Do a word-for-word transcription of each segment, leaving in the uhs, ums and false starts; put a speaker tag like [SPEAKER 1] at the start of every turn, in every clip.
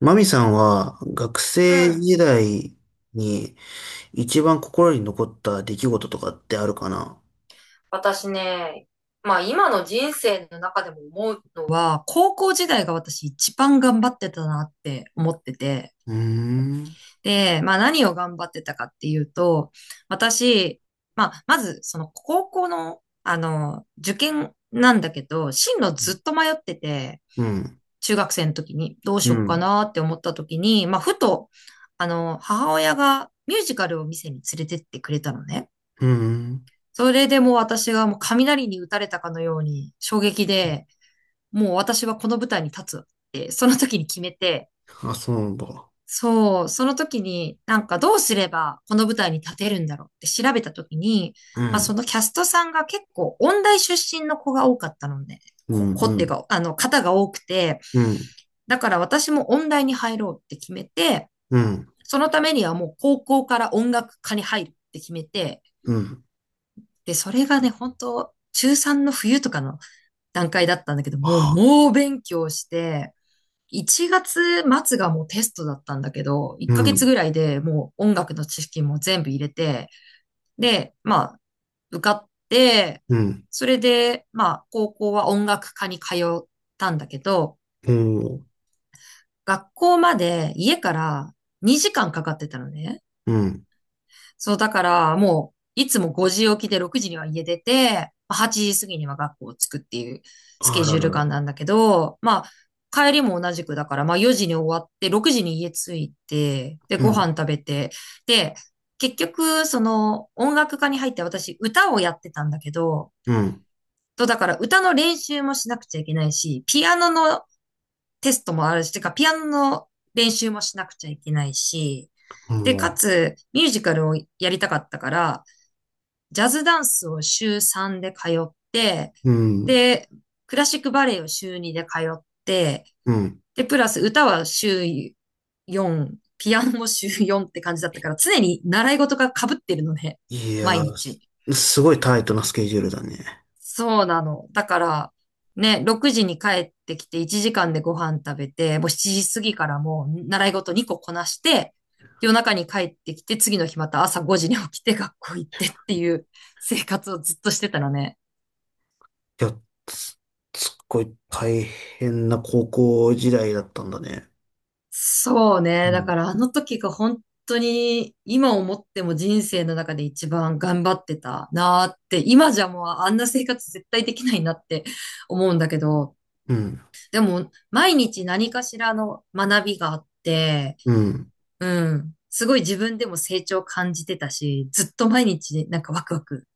[SPEAKER 1] マミさんは学
[SPEAKER 2] う
[SPEAKER 1] 生
[SPEAKER 2] ん。
[SPEAKER 1] 時代に一番心に残った出来事とかってあるかな？
[SPEAKER 2] 私ね、まあ今の人生の中でも思うのは、高校時代が私一番頑張ってたなって思ってて、
[SPEAKER 1] うーん。
[SPEAKER 2] で、まあ何を頑張ってたかっていうと、私、まあまずその高校の、あの、受験なんだけど、進路ずっと迷ってて、
[SPEAKER 1] うん。
[SPEAKER 2] 中学生の時にどうし
[SPEAKER 1] う
[SPEAKER 2] よっか
[SPEAKER 1] ん。
[SPEAKER 2] なって思った時に、まあふと、あの、母親がミュージカルを見せに連れてってくれたのね。
[SPEAKER 1] うん。
[SPEAKER 2] それでもう私がもう雷に打たれたかのように衝撃で、もう私はこの舞台に立つってその時に決めて、
[SPEAKER 1] あ、そうなんだ。
[SPEAKER 2] そう、その時になんかどうすればこの舞台に立てるんだろうって調べた時に、
[SPEAKER 1] う
[SPEAKER 2] まあそ
[SPEAKER 1] ん。
[SPEAKER 2] のキャストさんが結構音大出身の子が多かったので、
[SPEAKER 1] う
[SPEAKER 2] こ、子っていう
[SPEAKER 1] ん。
[SPEAKER 2] か、あの、方が多くて、
[SPEAKER 1] うん。
[SPEAKER 2] だから私も音大に入ろうって決めて、
[SPEAKER 1] うん。うん。
[SPEAKER 2] そのためにはもう高校から音楽科に入るって決めて、
[SPEAKER 1] うん。
[SPEAKER 2] で、それがね、本当中さんの冬とかの段階だったんだけど、もう
[SPEAKER 1] あ、
[SPEAKER 2] 猛勉強して、いちがつ末がもうテストだったんだけど、1
[SPEAKER 1] う
[SPEAKER 2] ヶ月
[SPEAKER 1] ん。
[SPEAKER 2] ぐらいでもう音楽の知識も全部入れて、で、まあ、受かって、
[SPEAKER 1] うん。
[SPEAKER 2] それで、まあ、高校は音楽科に通ったんだけど、
[SPEAKER 1] おー。
[SPEAKER 2] 学校まで家からにじかんかかってたのね。
[SPEAKER 1] うん。
[SPEAKER 2] そう、だから、もう、いつもごじ起きでろくじには家出て、はちじ過ぎには学校を着くっていうス
[SPEAKER 1] あ
[SPEAKER 2] ケ
[SPEAKER 1] ら
[SPEAKER 2] ジュー
[SPEAKER 1] ら
[SPEAKER 2] ル
[SPEAKER 1] ら。
[SPEAKER 2] 感なんだけど、まあ、帰りも同じくだから、まあよじに終わって、ろくじに家着いて、で、
[SPEAKER 1] う
[SPEAKER 2] ご飯
[SPEAKER 1] ん。
[SPEAKER 2] 食べて、で、結局、その、音楽科に入って私、歌をやってたんだけど、
[SPEAKER 1] うん。
[SPEAKER 2] と、だから歌の練習もしなくちゃいけないし、ピアノのテストもあるし、てか、ピアノの練習もしなくちゃいけないし、で、か
[SPEAKER 1] も
[SPEAKER 2] つ、ミュージカルをやりたかったから、ジャズダンスを週さんで通って、
[SPEAKER 1] う。うん。
[SPEAKER 2] で、クラシックバレエを週にで通って、
[SPEAKER 1] うん。
[SPEAKER 2] で、プラス歌は週よん、ピアノも週よんって感じだったから、常に習い事が被ってるのね。
[SPEAKER 1] い
[SPEAKER 2] 毎
[SPEAKER 1] やー、す
[SPEAKER 2] 日。
[SPEAKER 1] すごいタイトなスケジュールだね。
[SPEAKER 2] そうなの。だから、ね、ろくじに帰ってきていちじかんでご飯食べて、もうしちじ過ぎからもう習い事にここなして、夜中に帰ってきて、次の日また朝ごじに起きて学校行ってっていう生活をずっとしてたのね。
[SPEAKER 1] いや、すすっごい大変な高校時代だったんだね。
[SPEAKER 2] そう
[SPEAKER 1] う
[SPEAKER 2] ね。だ
[SPEAKER 1] ん。
[SPEAKER 2] からあの時が本当に今思っても人生の中で一番頑張ってたなーって、今じゃもうあんな生活絶対できないなって 思うんだけど、
[SPEAKER 1] うん。
[SPEAKER 2] でも毎日何かしらの学びがあって、
[SPEAKER 1] うん。
[SPEAKER 2] うん、すごい自分でも成長感じてたし、ずっと毎日なんかワクワク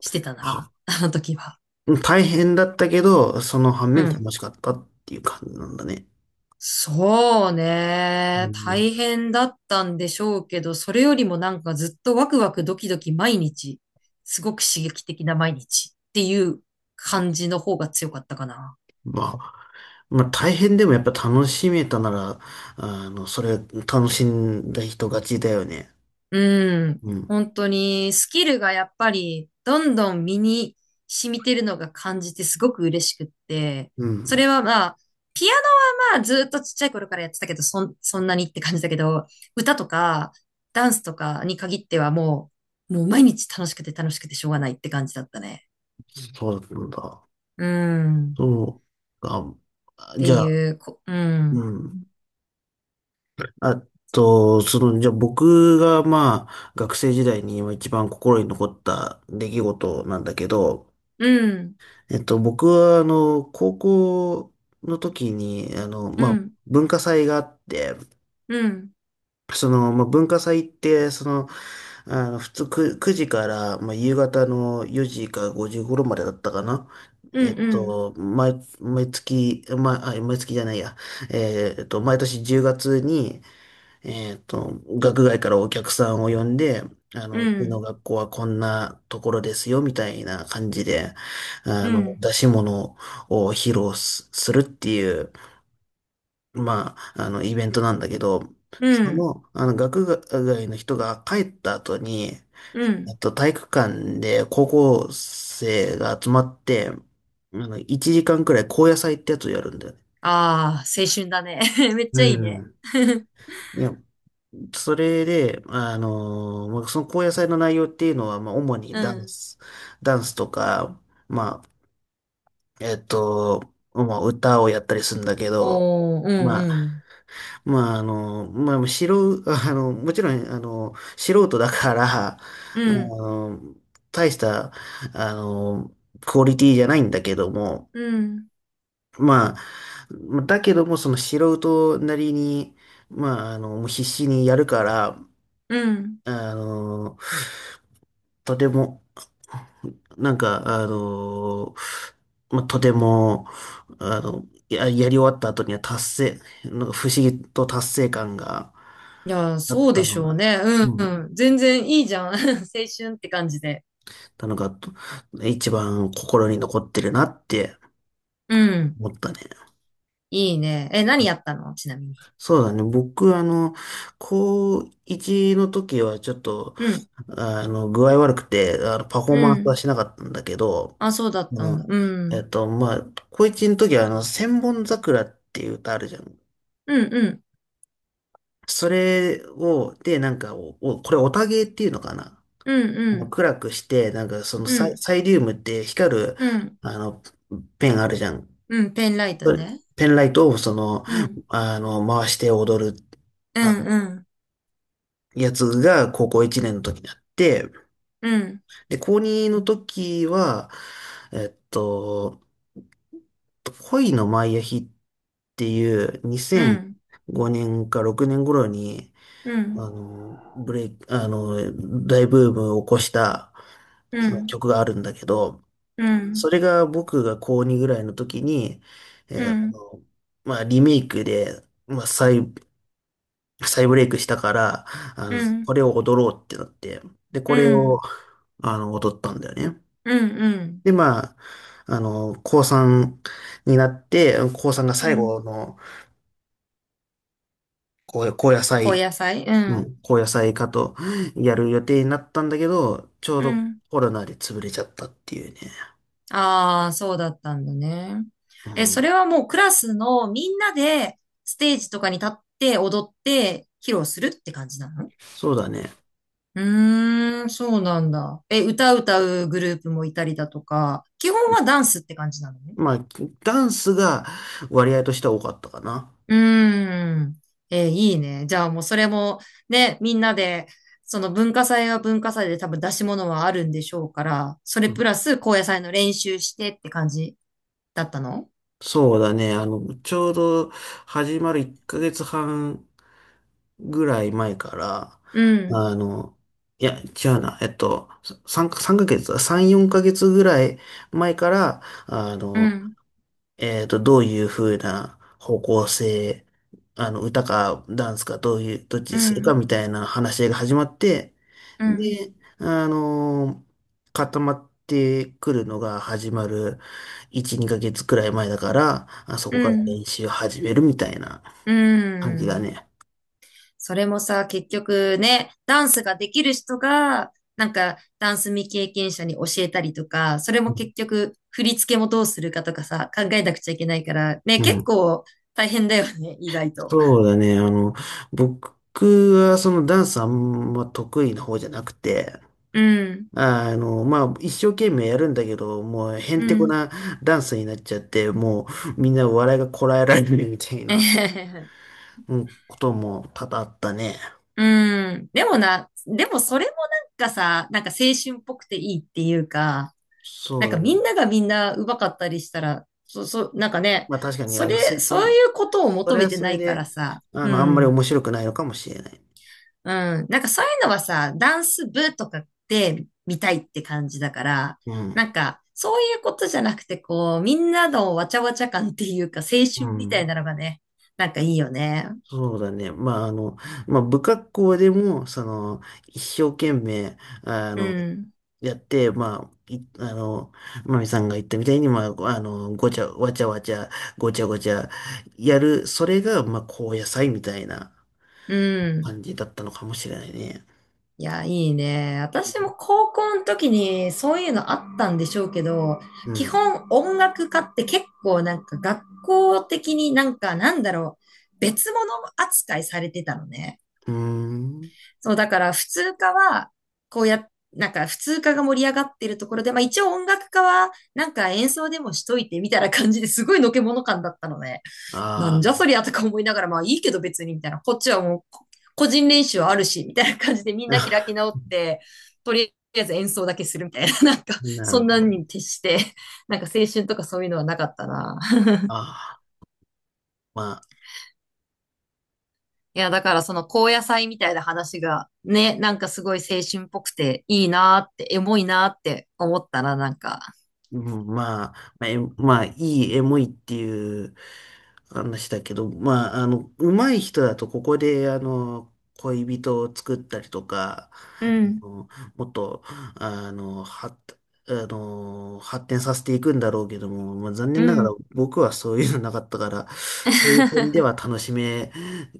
[SPEAKER 2] してた
[SPEAKER 1] は、
[SPEAKER 2] な、あの時は。
[SPEAKER 1] 大変だったけど、その反
[SPEAKER 2] う
[SPEAKER 1] 面
[SPEAKER 2] ん。
[SPEAKER 1] 楽しかったっていう感じなんだね。
[SPEAKER 2] そう
[SPEAKER 1] う
[SPEAKER 2] ね。
[SPEAKER 1] ん。
[SPEAKER 2] 大変だったんでしょうけど、それよりもなんかずっとワクワクドキドキ毎日、すごく刺激的な毎日っていう感じの方が強かったかな。
[SPEAKER 1] まあ、まあ大変でもやっぱ楽しめたなら、あの、それ楽しんだ人勝ちだよね。
[SPEAKER 2] うん。
[SPEAKER 1] うん。
[SPEAKER 2] 本当にスキルがやっぱりどんどん身に染みてるのが感じてすごく嬉しくって。
[SPEAKER 1] う
[SPEAKER 2] それ
[SPEAKER 1] ん。
[SPEAKER 2] はまあ、ピアノはまあずっとちっちゃい頃からやってたけど、そん、そんなにって感じだけど、歌とかダンスとかに限ってはもう、もう毎日楽しくて楽しくてしょうがないって感じだったね。
[SPEAKER 1] そうだったんだ。
[SPEAKER 2] うん。っ
[SPEAKER 1] そう。あ、じ
[SPEAKER 2] て
[SPEAKER 1] ゃあ、
[SPEAKER 2] いう、こ、うん。
[SPEAKER 1] うん。あと、その、じゃあ僕が、まあ、学生時代に今一番心に残った出来事なんだけど、
[SPEAKER 2] うん。
[SPEAKER 1] えっと、僕は、あの、高校の時に、あの、
[SPEAKER 2] う
[SPEAKER 1] まあ、
[SPEAKER 2] ん。
[SPEAKER 1] 文化祭があって、
[SPEAKER 2] うん。
[SPEAKER 1] その、まあ、文化祭って、その、あの、普通くく時から、まあ、夕方のよじかごじ頃までだったかな。
[SPEAKER 2] う
[SPEAKER 1] えっ
[SPEAKER 2] ん。
[SPEAKER 1] と、毎、毎月、ま、あ、毎月じゃないや。えーっと、毎年じゅうがつに、えっと、学外からお客さんを呼んで、あ
[SPEAKER 2] う
[SPEAKER 1] の、うちの
[SPEAKER 2] ん。
[SPEAKER 1] 学校はこんなところですよ、みたいな感じで、あ
[SPEAKER 2] うん。う
[SPEAKER 1] の、
[SPEAKER 2] ん。
[SPEAKER 1] 出し物を披露す、するっていう、まあ、あの、イベントなんだけど、
[SPEAKER 2] う
[SPEAKER 1] そ
[SPEAKER 2] ん。
[SPEAKER 1] の、あの、学外の人が帰った後に、
[SPEAKER 2] う
[SPEAKER 1] え
[SPEAKER 2] ん。
[SPEAKER 1] っと、体育館で高校生が集まって、あの、いちじかんくらい高野祭ってやつをやるんだよね。
[SPEAKER 2] ああ、青春だね。めっ
[SPEAKER 1] う
[SPEAKER 2] ちゃいいね。
[SPEAKER 1] ん。いや、それで、あの、まあ、その高野祭の内容っていうのは、まあ、主に
[SPEAKER 2] う
[SPEAKER 1] ダン
[SPEAKER 2] ん。
[SPEAKER 1] ス、ダンスとか、まあ、えっと、まあ、歌をやったりするんだけど、
[SPEAKER 2] おー、うん
[SPEAKER 1] ま
[SPEAKER 2] う
[SPEAKER 1] あ、
[SPEAKER 2] ん。
[SPEAKER 1] まあ、あの、まあ、素人、あの、もちろん、あの、素人だから、あ
[SPEAKER 2] うん。
[SPEAKER 1] の、大した、あの、クオリティじゃないんだけども、
[SPEAKER 2] うん。
[SPEAKER 1] まあ、だけども、その素人なりに、まあ、あの、もう必死にやるから、
[SPEAKER 2] うん。
[SPEAKER 1] あの、とても、なんか、あのーまあ、とても、あの、や、やり終わった後には達成、なんか不思議と達成感が
[SPEAKER 2] いや、
[SPEAKER 1] あ
[SPEAKER 2] そ
[SPEAKER 1] っ
[SPEAKER 2] うで
[SPEAKER 1] た
[SPEAKER 2] し
[SPEAKER 1] の
[SPEAKER 2] ょう
[SPEAKER 1] が、
[SPEAKER 2] ね。う
[SPEAKER 1] う
[SPEAKER 2] ん。う
[SPEAKER 1] ん、
[SPEAKER 2] ん全然いいじゃん。青春って感じで。
[SPEAKER 1] なのが、と一番心に残ってるなって
[SPEAKER 2] うん。
[SPEAKER 1] 思ったね。
[SPEAKER 2] いいね。え、何やったのちなみに。
[SPEAKER 1] そうだね。僕、あの、高いちの時はちょっと、
[SPEAKER 2] うん。
[SPEAKER 1] あの、具合悪くて、あの、パフォー
[SPEAKER 2] う
[SPEAKER 1] マンスは
[SPEAKER 2] ん。
[SPEAKER 1] しなかったんだけど、
[SPEAKER 2] あ、そうだっ
[SPEAKER 1] あ
[SPEAKER 2] たん
[SPEAKER 1] の、
[SPEAKER 2] だ。う
[SPEAKER 1] え
[SPEAKER 2] ん。
[SPEAKER 1] っと、まあ、高一の時は、あの、千本桜っていう歌あるじゃん。
[SPEAKER 2] うん、うん。
[SPEAKER 1] それを、で、なんかお、おこれ、オタゲーっていうのかな。
[SPEAKER 2] うん、う
[SPEAKER 1] あの、
[SPEAKER 2] ん。
[SPEAKER 1] 暗くして、なんか、その
[SPEAKER 2] う
[SPEAKER 1] サイ、
[SPEAKER 2] ん。
[SPEAKER 1] サイリウムって光る、
[SPEAKER 2] うん。
[SPEAKER 1] あの、ペンあるじゃん。
[SPEAKER 2] うん。ペンライト
[SPEAKER 1] それ
[SPEAKER 2] ね。
[SPEAKER 1] ペンライトを、その、
[SPEAKER 2] うん。
[SPEAKER 1] あの、回して踊る、
[SPEAKER 2] う
[SPEAKER 1] あの、
[SPEAKER 2] ん、うん。
[SPEAKER 1] やつが、高校いちねんの時にあって、
[SPEAKER 2] うん。
[SPEAKER 1] で、高にの時は、えっと、恋のマイアヒっていう
[SPEAKER 2] う
[SPEAKER 1] 2005
[SPEAKER 2] ん。
[SPEAKER 1] 年かろくねん頃に、
[SPEAKER 2] うん。
[SPEAKER 1] あの、ブレイク、あの、大ブームを起こした
[SPEAKER 2] う
[SPEAKER 1] その
[SPEAKER 2] ん。
[SPEAKER 1] 曲があるんだけど、
[SPEAKER 2] う
[SPEAKER 1] そ
[SPEAKER 2] ん。
[SPEAKER 1] れが僕が高にぐらいの時に、
[SPEAKER 2] う
[SPEAKER 1] えーあ
[SPEAKER 2] ん。
[SPEAKER 1] の、まあ、リメイクで、まあ、再、再ブレイクしたから、あ
[SPEAKER 2] う
[SPEAKER 1] の、
[SPEAKER 2] ん。う
[SPEAKER 1] こ
[SPEAKER 2] ん。
[SPEAKER 1] れを踊ろうってなって、で、こ
[SPEAKER 2] う
[SPEAKER 1] れを、
[SPEAKER 2] ん
[SPEAKER 1] あの、踊ったんだよね。
[SPEAKER 2] うんうん。
[SPEAKER 1] で、まあ、あの、高さんになって、高さんが
[SPEAKER 2] う
[SPEAKER 1] 最
[SPEAKER 2] ん。
[SPEAKER 1] 後の高、高野
[SPEAKER 2] 高
[SPEAKER 1] 菜、
[SPEAKER 2] 野菜う
[SPEAKER 1] う
[SPEAKER 2] ん。
[SPEAKER 1] ん、高野菜かとやる予定になったんだけど、ちょう
[SPEAKER 2] う
[SPEAKER 1] ど
[SPEAKER 2] ん。
[SPEAKER 1] コロナで潰れちゃったっていうね。
[SPEAKER 2] ああ、そうだったんだね。
[SPEAKER 1] う
[SPEAKER 2] え、そ
[SPEAKER 1] ん、
[SPEAKER 2] れはもうクラスのみんなでステージとかに立って踊って披露するって感じなの？
[SPEAKER 1] そうだね。
[SPEAKER 2] うーん、そうなんだ。え、歌歌うグループもいたりだとか、基本はダンスって感じなのね。
[SPEAKER 1] まあ、ダンスが割合としては多かったかな。
[SPEAKER 2] うーん。えーいいね。じゃあもうそれもね、みんなで、その文化祭は文化祭で多分出し物はあるんでしょうから、それプラス高野祭の練習してって感じだったの？
[SPEAKER 1] そうだね。あの、ちょうど始まるいっかげつはんぐらい前から、
[SPEAKER 2] うん、
[SPEAKER 1] あの、いや、違うな。えっと、さん、三ヶ月、さん、よんかげつぐらい前から、あ
[SPEAKER 2] う
[SPEAKER 1] の、
[SPEAKER 2] ん、
[SPEAKER 1] えっと、どういう風な方向性、あの、歌かダンスかどういう、どっちに
[SPEAKER 2] う
[SPEAKER 1] するか
[SPEAKER 2] ん、
[SPEAKER 1] みたいな話し合いが始まって、
[SPEAKER 2] うん、
[SPEAKER 1] で、あのー固まってくるのが始まるいち、にかげつくらい前だから、あそ
[SPEAKER 2] う
[SPEAKER 1] こから
[SPEAKER 2] ん、
[SPEAKER 1] 練習を始めるみたいな
[SPEAKER 2] う
[SPEAKER 1] 感じだ
[SPEAKER 2] ん。
[SPEAKER 1] ね。
[SPEAKER 2] それもさ、結局ね、ダンスができる人が、なんか、ダンス未経験者に教えたりとか、それ
[SPEAKER 1] う
[SPEAKER 2] も
[SPEAKER 1] ん。
[SPEAKER 2] 結局、振り付けもどうするかとかさ、考えなくちゃいけないから、ね、
[SPEAKER 1] う
[SPEAKER 2] 結
[SPEAKER 1] ん、
[SPEAKER 2] 構大変だよね、意外と。
[SPEAKER 1] そうだね。あの、僕はそのダンスあんま得意な方じゃなくて、
[SPEAKER 2] うん、
[SPEAKER 1] あの、まあ、一生懸命やるんだけど、もう、へん
[SPEAKER 2] う
[SPEAKER 1] てこ
[SPEAKER 2] ん。
[SPEAKER 1] なダンスになっちゃって、もう、みんな笑いがこらえられるみたい
[SPEAKER 2] え
[SPEAKER 1] な、
[SPEAKER 2] へへへ
[SPEAKER 1] うん、ことも多々あったね。
[SPEAKER 2] うん。でもな、でもそれもなんかさ、なんか青春っぽくていいっていうか、
[SPEAKER 1] そ
[SPEAKER 2] な
[SPEAKER 1] う
[SPEAKER 2] んか
[SPEAKER 1] だ
[SPEAKER 2] み
[SPEAKER 1] ね。
[SPEAKER 2] んながみんな上手かったりしたら、そ、そ、なんかね、
[SPEAKER 1] まあ、確かに、
[SPEAKER 2] そ
[SPEAKER 1] あの、
[SPEAKER 2] れ、
[SPEAKER 1] せ、あ
[SPEAKER 2] そう
[SPEAKER 1] ん、
[SPEAKER 2] いうことを
[SPEAKER 1] そ
[SPEAKER 2] 求
[SPEAKER 1] れ
[SPEAKER 2] め
[SPEAKER 1] は
[SPEAKER 2] て
[SPEAKER 1] そ
[SPEAKER 2] な
[SPEAKER 1] れ
[SPEAKER 2] いか
[SPEAKER 1] で、
[SPEAKER 2] らさ、
[SPEAKER 1] あ
[SPEAKER 2] う
[SPEAKER 1] の、あんまり
[SPEAKER 2] ん。
[SPEAKER 1] 面白くないのかもしれない。
[SPEAKER 2] うん。なんかそういうのはさ、ダンス部とかって見たいって感じだから、
[SPEAKER 1] う
[SPEAKER 2] な
[SPEAKER 1] ん。
[SPEAKER 2] んかそういうことじゃなくて、こう、みんなのわちゃわちゃ感っていうか、青
[SPEAKER 1] う
[SPEAKER 2] 春みたい
[SPEAKER 1] ん。
[SPEAKER 2] なのがね、なんかいいよね。
[SPEAKER 1] そうだね。まあ、あの、まあ、不格好でも、その、一生懸命、あ
[SPEAKER 2] う
[SPEAKER 1] の、
[SPEAKER 2] ん。
[SPEAKER 1] やって、まあ、い、あの、まみさんが言ったみたいに、まあ、あの、ごちゃ、わちゃわちゃ、ごちゃごちゃ、やる、それが、まあ、高野菜みたいな
[SPEAKER 2] うん。
[SPEAKER 1] 感じだったのかもしれないね。
[SPEAKER 2] いや、いいね。私も高校の時にそういうのあったんでしょうけど、
[SPEAKER 1] う
[SPEAKER 2] 基
[SPEAKER 1] ん。
[SPEAKER 2] 本音楽家って結構なんか学校的になんかなんだろう、別物扱いされてたのね。
[SPEAKER 1] うーん。
[SPEAKER 2] そう、だから普通科は、こうや、なんか普通科が盛り上がってるところで、まあ一応音楽科は、なんか演奏でもしといてみたいな感じですごいのけもの感だったのね。なんじゃ
[SPEAKER 1] あ
[SPEAKER 2] そりゃとか思いながら、まあいいけど別にみたいな、こっちはもうこ個人練習あるし、みたいな感じでみんな開
[SPEAKER 1] あ、
[SPEAKER 2] き 直って、とりあえず演奏だけするみたいな、なんか
[SPEAKER 1] な
[SPEAKER 2] そ
[SPEAKER 1] る
[SPEAKER 2] んな
[SPEAKER 1] ほ
[SPEAKER 2] ん
[SPEAKER 1] ど。
[SPEAKER 2] に徹して、なんか青春とかそういうのはなかったな。
[SPEAKER 1] ああ、まあ。
[SPEAKER 2] いや、だからその高野菜みたいな話がね、なんかすごい青春っぽくていいなーって、エモいなーって思ったらなんか、
[SPEAKER 1] うん、まあ、まあ、えまあいいエモいっていう話だけど、まあ、あの、上手い人だとここで、あの、恋人を作ったりとか、
[SPEAKER 2] う
[SPEAKER 1] あ
[SPEAKER 2] ん、
[SPEAKER 1] の、もっと、あの、は、あの、発展させていくんだろうけども、まあ、残
[SPEAKER 2] う
[SPEAKER 1] 念ながら
[SPEAKER 2] ん。
[SPEAKER 1] 僕はそういうのなかったから、そういう点では 楽しめ、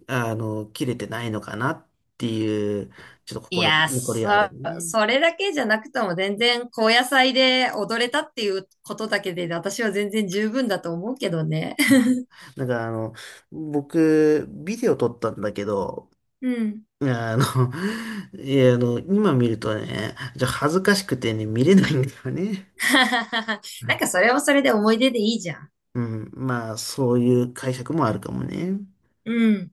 [SPEAKER 1] あの、切れてないのかなっていう、ちょっと
[SPEAKER 2] い
[SPEAKER 1] 心
[SPEAKER 2] や、
[SPEAKER 1] 残り
[SPEAKER 2] そ、
[SPEAKER 1] はあるね。
[SPEAKER 2] それだけじゃなくとも全然高野菜で踊れたっていうことだけで私は全然十分だと思うけどね。
[SPEAKER 1] なんかあの、僕、ビデオ撮ったんだけど、
[SPEAKER 2] うん。
[SPEAKER 1] いやあの、いや、あの、今見るとね、じゃあ恥ずかしくてね、見れないんだよね。
[SPEAKER 2] なんかそれはそれで思い出でいいじゃん。
[SPEAKER 1] うん、まあ、そういう解釈もあるかもね。
[SPEAKER 2] うん。